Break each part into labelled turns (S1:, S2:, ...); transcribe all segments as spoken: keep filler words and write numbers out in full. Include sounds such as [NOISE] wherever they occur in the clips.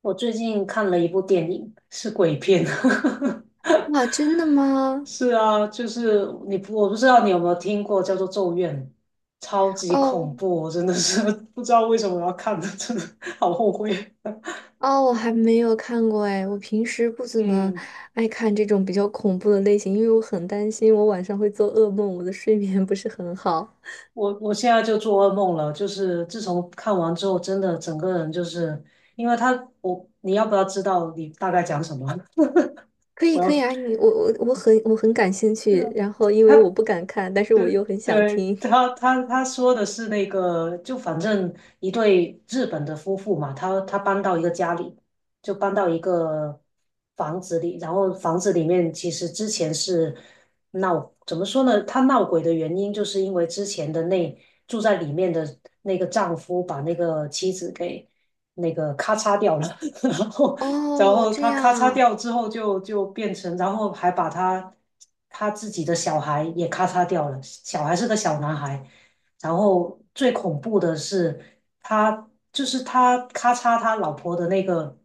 S1: 我最近看了一部电影，是鬼片。[LAUGHS]
S2: 哇，真的吗？
S1: 是啊，就是你不我不知道你有没有听过，叫做《咒怨》，超级恐
S2: 哦
S1: 怖，我真的是 [LAUGHS] 不知道为什么我要看，的，真的好后悔。
S2: 哦，我还没有看过哎，我平时不
S1: [LAUGHS]
S2: 怎么
S1: 嗯，
S2: 爱看这种比较恐怖的类型，因为我很担心我晚上会做噩梦，我的睡眠不是很好。
S1: 我我现在就做噩梦了，就是自从看完之后，真的整个人就是，因为他，我，你要不要知道你大概讲什么？
S2: 可
S1: [LAUGHS]
S2: 以
S1: 我
S2: 可以
S1: 要，
S2: 啊，你我我我很我很感兴
S1: 对啊，
S2: 趣，然后因为我
S1: 他。
S2: 不敢看，但是我
S1: 对
S2: 又很想
S1: 对，
S2: 听。
S1: 他他他说的是那个，就反正一对日本的夫妇嘛，他他搬到一个家里，就搬到一个房子里，然后房子里面其实之前是闹，怎么说呢？他闹鬼的原因就是因为之前的那住在里面的那个丈夫把那个妻子给那个咔嚓掉了，[LAUGHS] 然后然
S2: 哦，
S1: 后
S2: 这
S1: 他
S2: 样
S1: 咔嚓
S2: 啊。
S1: 掉之后就就变成，然后还把他他自己的小孩也咔嚓掉了，小孩是个小男孩。然后最恐怖的是，他就是他咔嚓他老婆的那个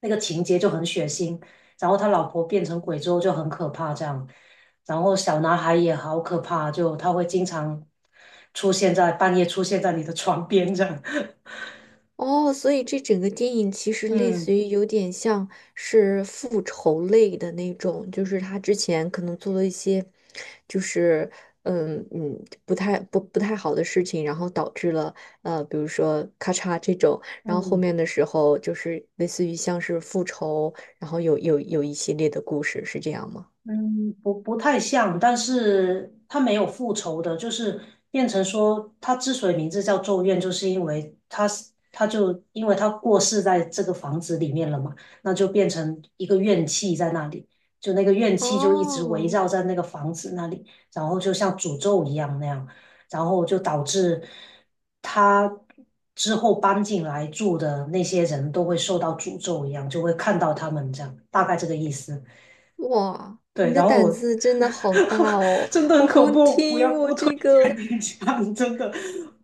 S1: 那个情节就很血腥，然后他老婆变成鬼之后就很可怕这样，然后小男孩也好可怕，就他会经常出现在半夜出现在你的床边这样，
S2: 哦，所以这整个电影其
S1: [LAUGHS]
S2: 实类似
S1: 嗯
S2: 于有点像是复仇类的那种，就是他之前可能做了一些，就是嗯嗯不太不不太好的事情，然后导致了呃比如说咔嚓这种，然后后
S1: 嗯。
S2: 面的时候就是类似于像是复仇，然后有有有一系列的故事，是这样吗？
S1: 嗯，不不太像，但是他没有复仇的，就是变成说，他之所以名字叫咒怨，就是因为他是他就因为他过世在这个房子里面了嘛，那就变成一个怨气在那里，就那个怨气就一直围
S2: 哦，
S1: 绕在那个房子那里，然后就像诅咒一样那样，然后就导致他之后搬进来住的那些人都会受到诅咒一样，就会看到他们这样，大概这个意思。
S2: 哇，
S1: 对，
S2: 你的
S1: 然后
S2: 胆
S1: 我
S2: 子真的好大
S1: [LAUGHS]
S2: 哦！
S1: 真的很
S2: 我
S1: 恐
S2: 光
S1: 怖，不要
S2: 听我
S1: 不推
S2: 这个。
S1: 荐你讲，[LAUGHS] 真的。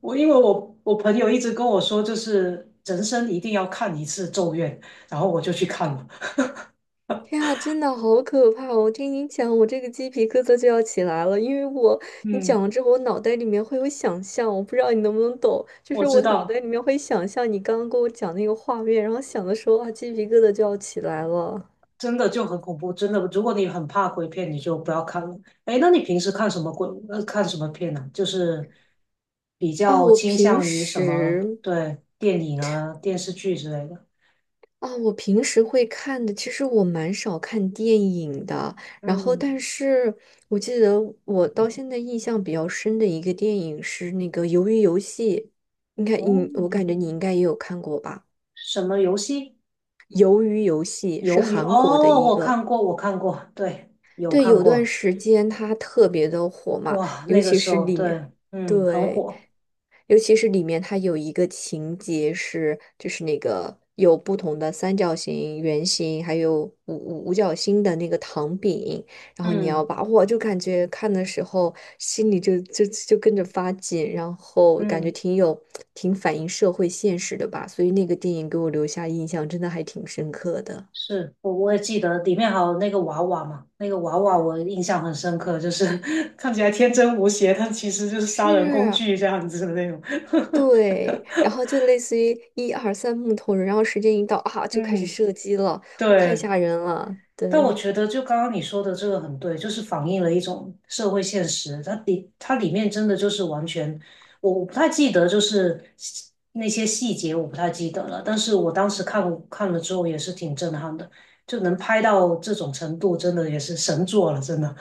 S1: 我因为我我朋友一直跟我说，就是人生一定要看一次《咒怨》，然后我就去看了。
S2: 天啊，真的好可怕哦，我听你讲，我这个鸡皮疙瘩就要起来了，因为我你讲
S1: 嗯，
S2: 了之后，我脑袋里面会有想象，我不知道你能不能懂，就
S1: 我
S2: 是
S1: 知
S2: 我脑袋
S1: 道，
S2: 里面会想象你刚刚跟我讲那个画面，然后想的时候啊，鸡皮疙瘩就要起来了。
S1: 真的就很恐怖，真的。如果你很怕鬼片，你就不要看了。哎，那你平时看什么鬼？呃，看什么片呢、就是比
S2: 哦，
S1: 较
S2: 我
S1: 倾
S2: 平
S1: 向于什么？
S2: 时
S1: 对，电影啊、电视剧之类的。
S2: 啊，我平时会看的，其实我蛮少看电影的。然后，
S1: 嗯，
S2: 但是我记得我到现在印象比较深的一个电影是那个《鱿鱼游戏》，应该
S1: 哦，
S2: 你，我感觉你应该也有看过吧？
S1: 什么游戏？
S2: 《鱿鱼游戏》是
S1: 鱿鱼
S2: 韩国的
S1: 哦，
S2: 一
S1: 我
S2: 个，
S1: 看过，我看过，对，有
S2: 对，
S1: 看
S2: 有段
S1: 过，
S2: 时间它特别的火嘛，
S1: 哇，
S2: 尤
S1: 那个
S2: 其
S1: 时
S2: 是
S1: 候
S2: 里面，
S1: 对，嗯，很
S2: 对。
S1: 火，
S2: 尤其是里面它有一个情节是，就是那个有不同的三角形、圆形，还有五五五角星的那个糖饼，然后你要
S1: 嗯
S2: 把，我就感觉看的时候心里就就就跟着发紧，然后感觉
S1: 嗯，
S2: 挺有挺反映社会现实的吧，所以那个电影给我留下印象真的还挺深刻的。
S1: 是我我也记得里面还有那个娃娃嘛，那个娃娃我印象很深刻，就是 [LAUGHS] 看起来天真无邪，但其实就是杀人工
S2: 是，
S1: 具这样子的那种，
S2: 对，然后就类似于一二三木头人，然后时间一到啊，
S1: [LAUGHS]
S2: 就开始
S1: 嗯，
S2: 射击了，哇，太
S1: 对，
S2: 吓人了，
S1: 但我
S2: 对。
S1: 觉得，就刚刚你说的这个很对，就是反映了一种社会现实。它里它里面真的就是完全，我我不太记得，就是细那些细节我不太记得了。但是我当时看看了之后也是挺震撼的，就能拍到这种程度，真的也是神作了，真的。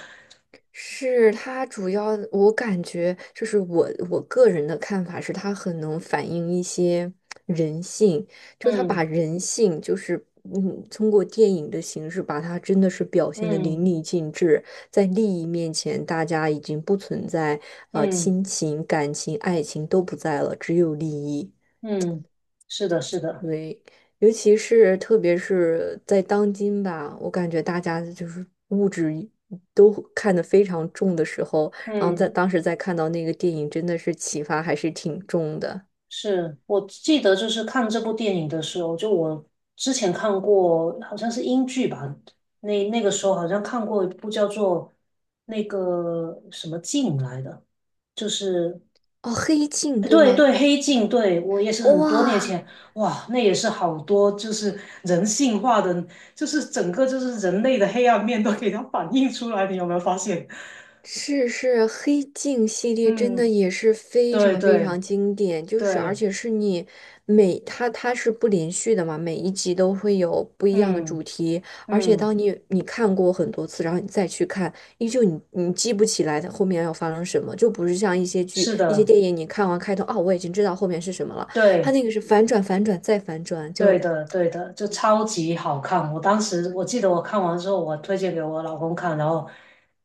S2: 是他主要，我感觉就是我我个人的看法是，他很能反映一些人性，就他
S1: 嗯
S2: 把人性就是嗯，通过电影的形式把它真的是表现的淋
S1: 嗯
S2: 漓尽致，在利益面前，大家已经不存在呃
S1: 嗯
S2: 亲情、感情、爱情都不在了，只有利益。
S1: 嗯，是的，是的，
S2: 对，尤其是特别是在当今吧，我感觉大家就是物质都看得非常重的时候，然后在
S1: 嗯。
S2: 当时在看到那个电影，真的是启发还是挺重的。
S1: 是我记得，就是看这部电影的时候，就我之前看过，好像是英剧吧，那那个时候好像看过一部叫做那个什么镜来的，就是
S2: 哦，《黑镜》
S1: 哎
S2: 对
S1: 对
S2: 吗？
S1: 对黑镜，对我也是很多年
S2: 哇，
S1: 前，哇，那也是好多就是人性化的，就是整个就是人类的黑暗面都给它反映出来，你有没有发现？
S2: 是是，黑镜系列真的
S1: 嗯，
S2: 也是非
S1: 对
S2: 常非
S1: 对
S2: 常经典，就是而
S1: 对
S2: 且是你每它它是不连续的嘛，每一集都会有不一样的
S1: 嗯
S2: 主题，而且
S1: 嗯，
S2: 当你你看过很多次，然后你再去看，依旧你你记不起来它后面要发生什么，就不是像一些剧、
S1: 是
S2: 一些
S1: 的，
S2: 电影，你看完开头，哦，我已经知道后面是什么了，它
S1: 对。
S2: 那个是反转、反转再反转，
S1: 对
S2: 就
S1: 的，对的，就超级好看。我当时我记得我看完之后，我推荐给我老公看，然后，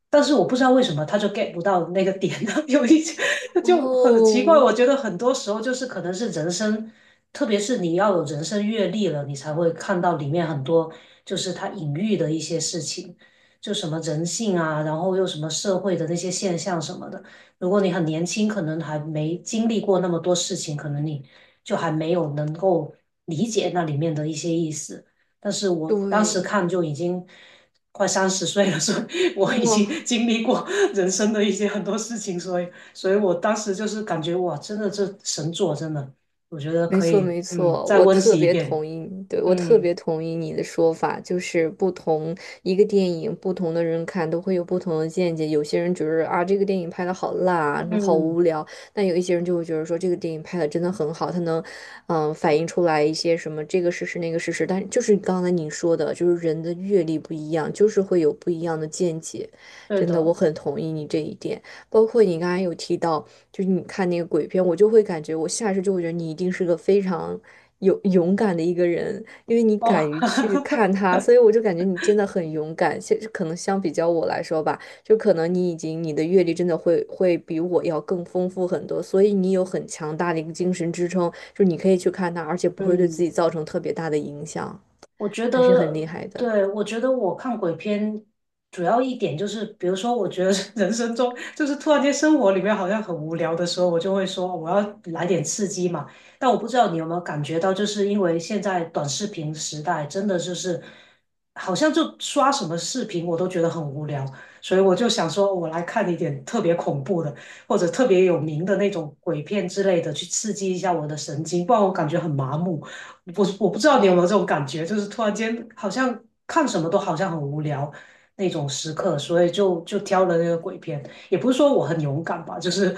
S1: 但是我不知道为什么他就 get 不到那个点，[LAUGHS] 呢？有一些 [LAUGHS] 就很奇
S2: 哦，
S1: 怪。我觉得很多时候就是可能是人生，特别是你要有人生阅历了，你才会看到里面很多就是他隐喻的一些事情，就什么人性啊，然后又什么社会的那些现象什么的。如果你很年轻，可能还没经历过那么多事情，可能你就还没有能够理解那里面的一些意思。但是我当时
S2: 对，
S1: 看就已经快三十岁了，所以我已经
S2: 哇。
S1: [LAUGHS] 经历过人生的一些很多事情，所以，所以我当时就是感觉哇，真的这神作，真的，我觉得
S2: 没
S1: 可
S2: 错，
S1: 以，
S2: 没
S1: 嗯，
S2: 错，
S1: 再
S2: 我
S1: 温
S2: 特
S1: 习一
S2: 别
S1: 遍，
S2: 同意你，对，我特
S1: 嗯
S2: 别同意你的说法，就是不同一个电影，不同的人看都会有不同的见解。有些人觉得啊，这个电影拍的好烂啊，好
S1: 嗯，
S2: 无聊；但有一些人就会觉得说，这个电影拍的真的很好，它能，嗯、反映出来一些什么这个事实那个事实。但就是刚才你说的，就是人的阅历不一样，就是会有不一样的见解。
S1: 对
S2: 真的，我
S1: 的，
S2: 很同意你这一点。包括你刚才有提到。就是你看那个鬼片，我就会感觉，我下意识就会觉得你一定是个非常勇勇敢的一个人，因为你
S1: 哦，
S2: 敢于去看它，所以我就感觉你真的很勇敢。现可能相比较我来说吧，就可能你已经你的阅历真的会会比我要更丰富很多，所以你有很强大的一个精神支撑，就你可以去看它，而且
S1: [LAUGHS]
S2: 不会对自
S1: 嗯。
S2: 己造成特别大的影响，
S1: 我觉
S2: 还是很厉
S1: 得，
S2: 害的。
S1: 对，我觉得我看鬼片主要一点就是，比如说，我觉得 [LAUGHS] 人生中就是突然间生活里面好像很无聊的时候，我就会说我要来点刺激嘛。但我不知道你有没有感觉到，就是因为现在短视频时代，真的就是好像就刷什么视频我都觉得很无聊，所以我就想说，我来看一点特别恐怖的或者特别有名的那种鬼片之类的，去刺激一下我的神经，不然我感觉很麻木。我我不知道你有没有这
S2: 哇
S1: 种感觉，就是突然间好像看什么都好像很无聊那种时刻，所以就就挑了那个鬼片。也不是说我很勇敢吧，就是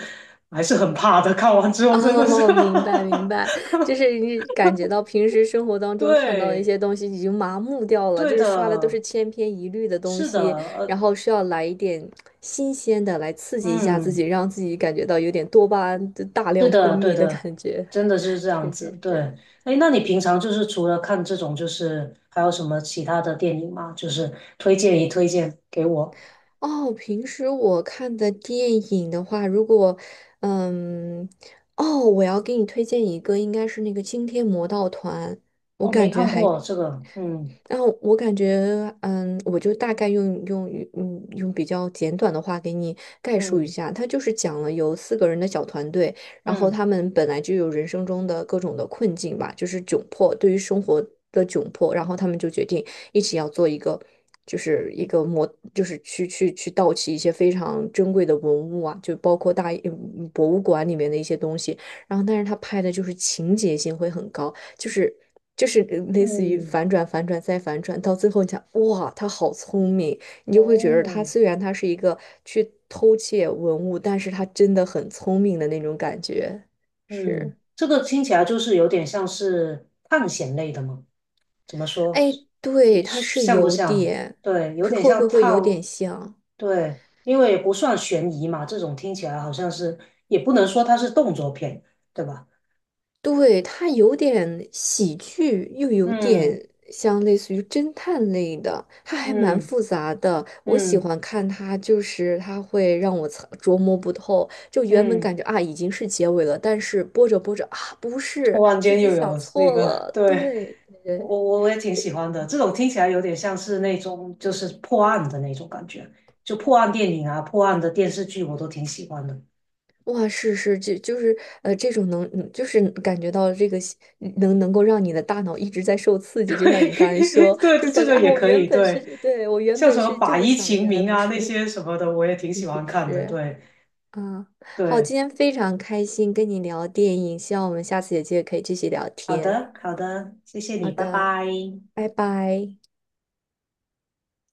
S1: 还是很怕的。看完之
S2: [LAUGHS]
S1: 后真的是
S2: 哦，明白明白，
S1: [LAUGHS]
S2: 就是你感觉到平时生活当中看到的一
S1: 对，
S2: 些东西已经麻木掉了，
S1: 对
S2: 就是刷的都
S1: 的，
S2: 是千篇一律的东
S1: 是的，
S2: 西，然
S1: 呃，
S2: 后需要来一点新鲜的来刺激一下自己，
S1: 嗯，
S2: 让自己感觉到有点多巴胺的大
S1: 对
S2: 量分
S1: 的，对
S2: 泌的
S1: 的，
S2: 感觉。
S1: 真的是
S2: [LAUGHS]
S1: 这样
S2: 是
S1: 子。
S2: 是
S1: 对，
S2: 是。
S1: 哎，那你平常就是除了看这种，就是还有什么其他的电影吗？就是推荐一推荐给我。
S2: 哦，平时我看的电影的话，如果嗯，哦，我要给你推荐一个，应该是那个《惊天魔盗团》，我
S1: 我没
S2: 感觉
S1: 看
S2: 还
S1: 过这个，嗯
S2: 然后我感觉，嗯，我就大概用用嗯用比较简短的话给你概述一
S1: 嗯。
S2: 下，他就是讲了有四个人的小团队，然后
S1: 嗯
S2: 他们本来就有人生中的各种的困境吧，就是窘迫，对于生活的窘迫，然后他们就决定一起要做一个，就是一个模，就是去去去盗窃一些非常珍贵的文物啊，就包括大嗯博物馆里面的一些东西，然后但是他拍的就是情节性会很高。就是就是类似于
S1: 嗯，
S2: 反转、反转再反转，到最后你想，哇，他好聪明，你就会觉得他
S1: 哦，
S2: 虽然他是一个去偷窃文物，但是他真的很聪明的那种感觉。
S1: 嗯，
S2: 是，
S1: 这个听起来就是有点像是探险类的嘛？怎么说？
S2: 哎，对，
S1: 一
S2: 他是
S1: 像不
S2: 有
S1: 像？
S2: 点，
S1: 对，有
S2: 会
S1: 点
S2: 会
S1: 像
S2: 会会有
S1: 套，
S2: 点像。
S1: 对，因为也不算悬疑嘛，这种听起来好像是，也不能说它是动作片，对吧？
S2: 对，它有点喜剧，又有
S1: 嗯
S2: 点像类似于侦探类的，它还蛮
S1: 嗯
S2: 复杂的。我喜
S1: 嗯
S2: 欢看它，就是它会让我猜琢磨不透。就原本
S1: 嗯，
S2: 感觉啊已经是结尾了，但是播着播着啊不是，
S1: 突然
S2: 自
S1: 间又
S2: 己想
S1: 有那
S2: 错
S1: 个，
S2: 了。
S1: 对，
S2: 对
S1: 我
S2: 对
S1: 我我也挺
S2: 对，
S1: 喜欢的，这种听起来有点像是那种就是破案的那种感觉，就破案电影啊、破案的电视剧我都挺喜欢的。
S2: 哇，是是，就就是呃，这种能，嗯就是感觉到这个吸能能够让你的大脑一直在受刺
S1: [LAUGHS]
S2: 激，就像你刚才
S1: 对
S2: 说，
S1: 对，
S2: 就
S1: 这
S2: 是
S1: 这
S2: 感觉
S1: 个
S2: 啊，
S1: 也
S2: 我
S1: 可
S2: 原
S1: 以，
S2: 本是，
S1: 对，
S2: 对，我原
S1: 像
S2: 本
S1: 什么
S2: 是这
S1: 法
S2: 么
S1: 医
S2: 想的，
S1: 秦
S2: 原来
S1: 明
S2: 不
S1: 啊那
S2: 是，
S1: 些什么的，我也挺
S2: 是
S1: 喜
S2: 是
S1: 欢看的。
S2: 是，
S1: 对
S2: 啊，好，
S1: 对，
S2: 今天非常开心跟你聊电影，希望我们下次有机会可以继续聊
S1: 好
S2: 天。
S1: 的好的，谢谢
S2: 好
S1: 你，拜
S2: 的，
S1: 拜。
S2: 拜拜。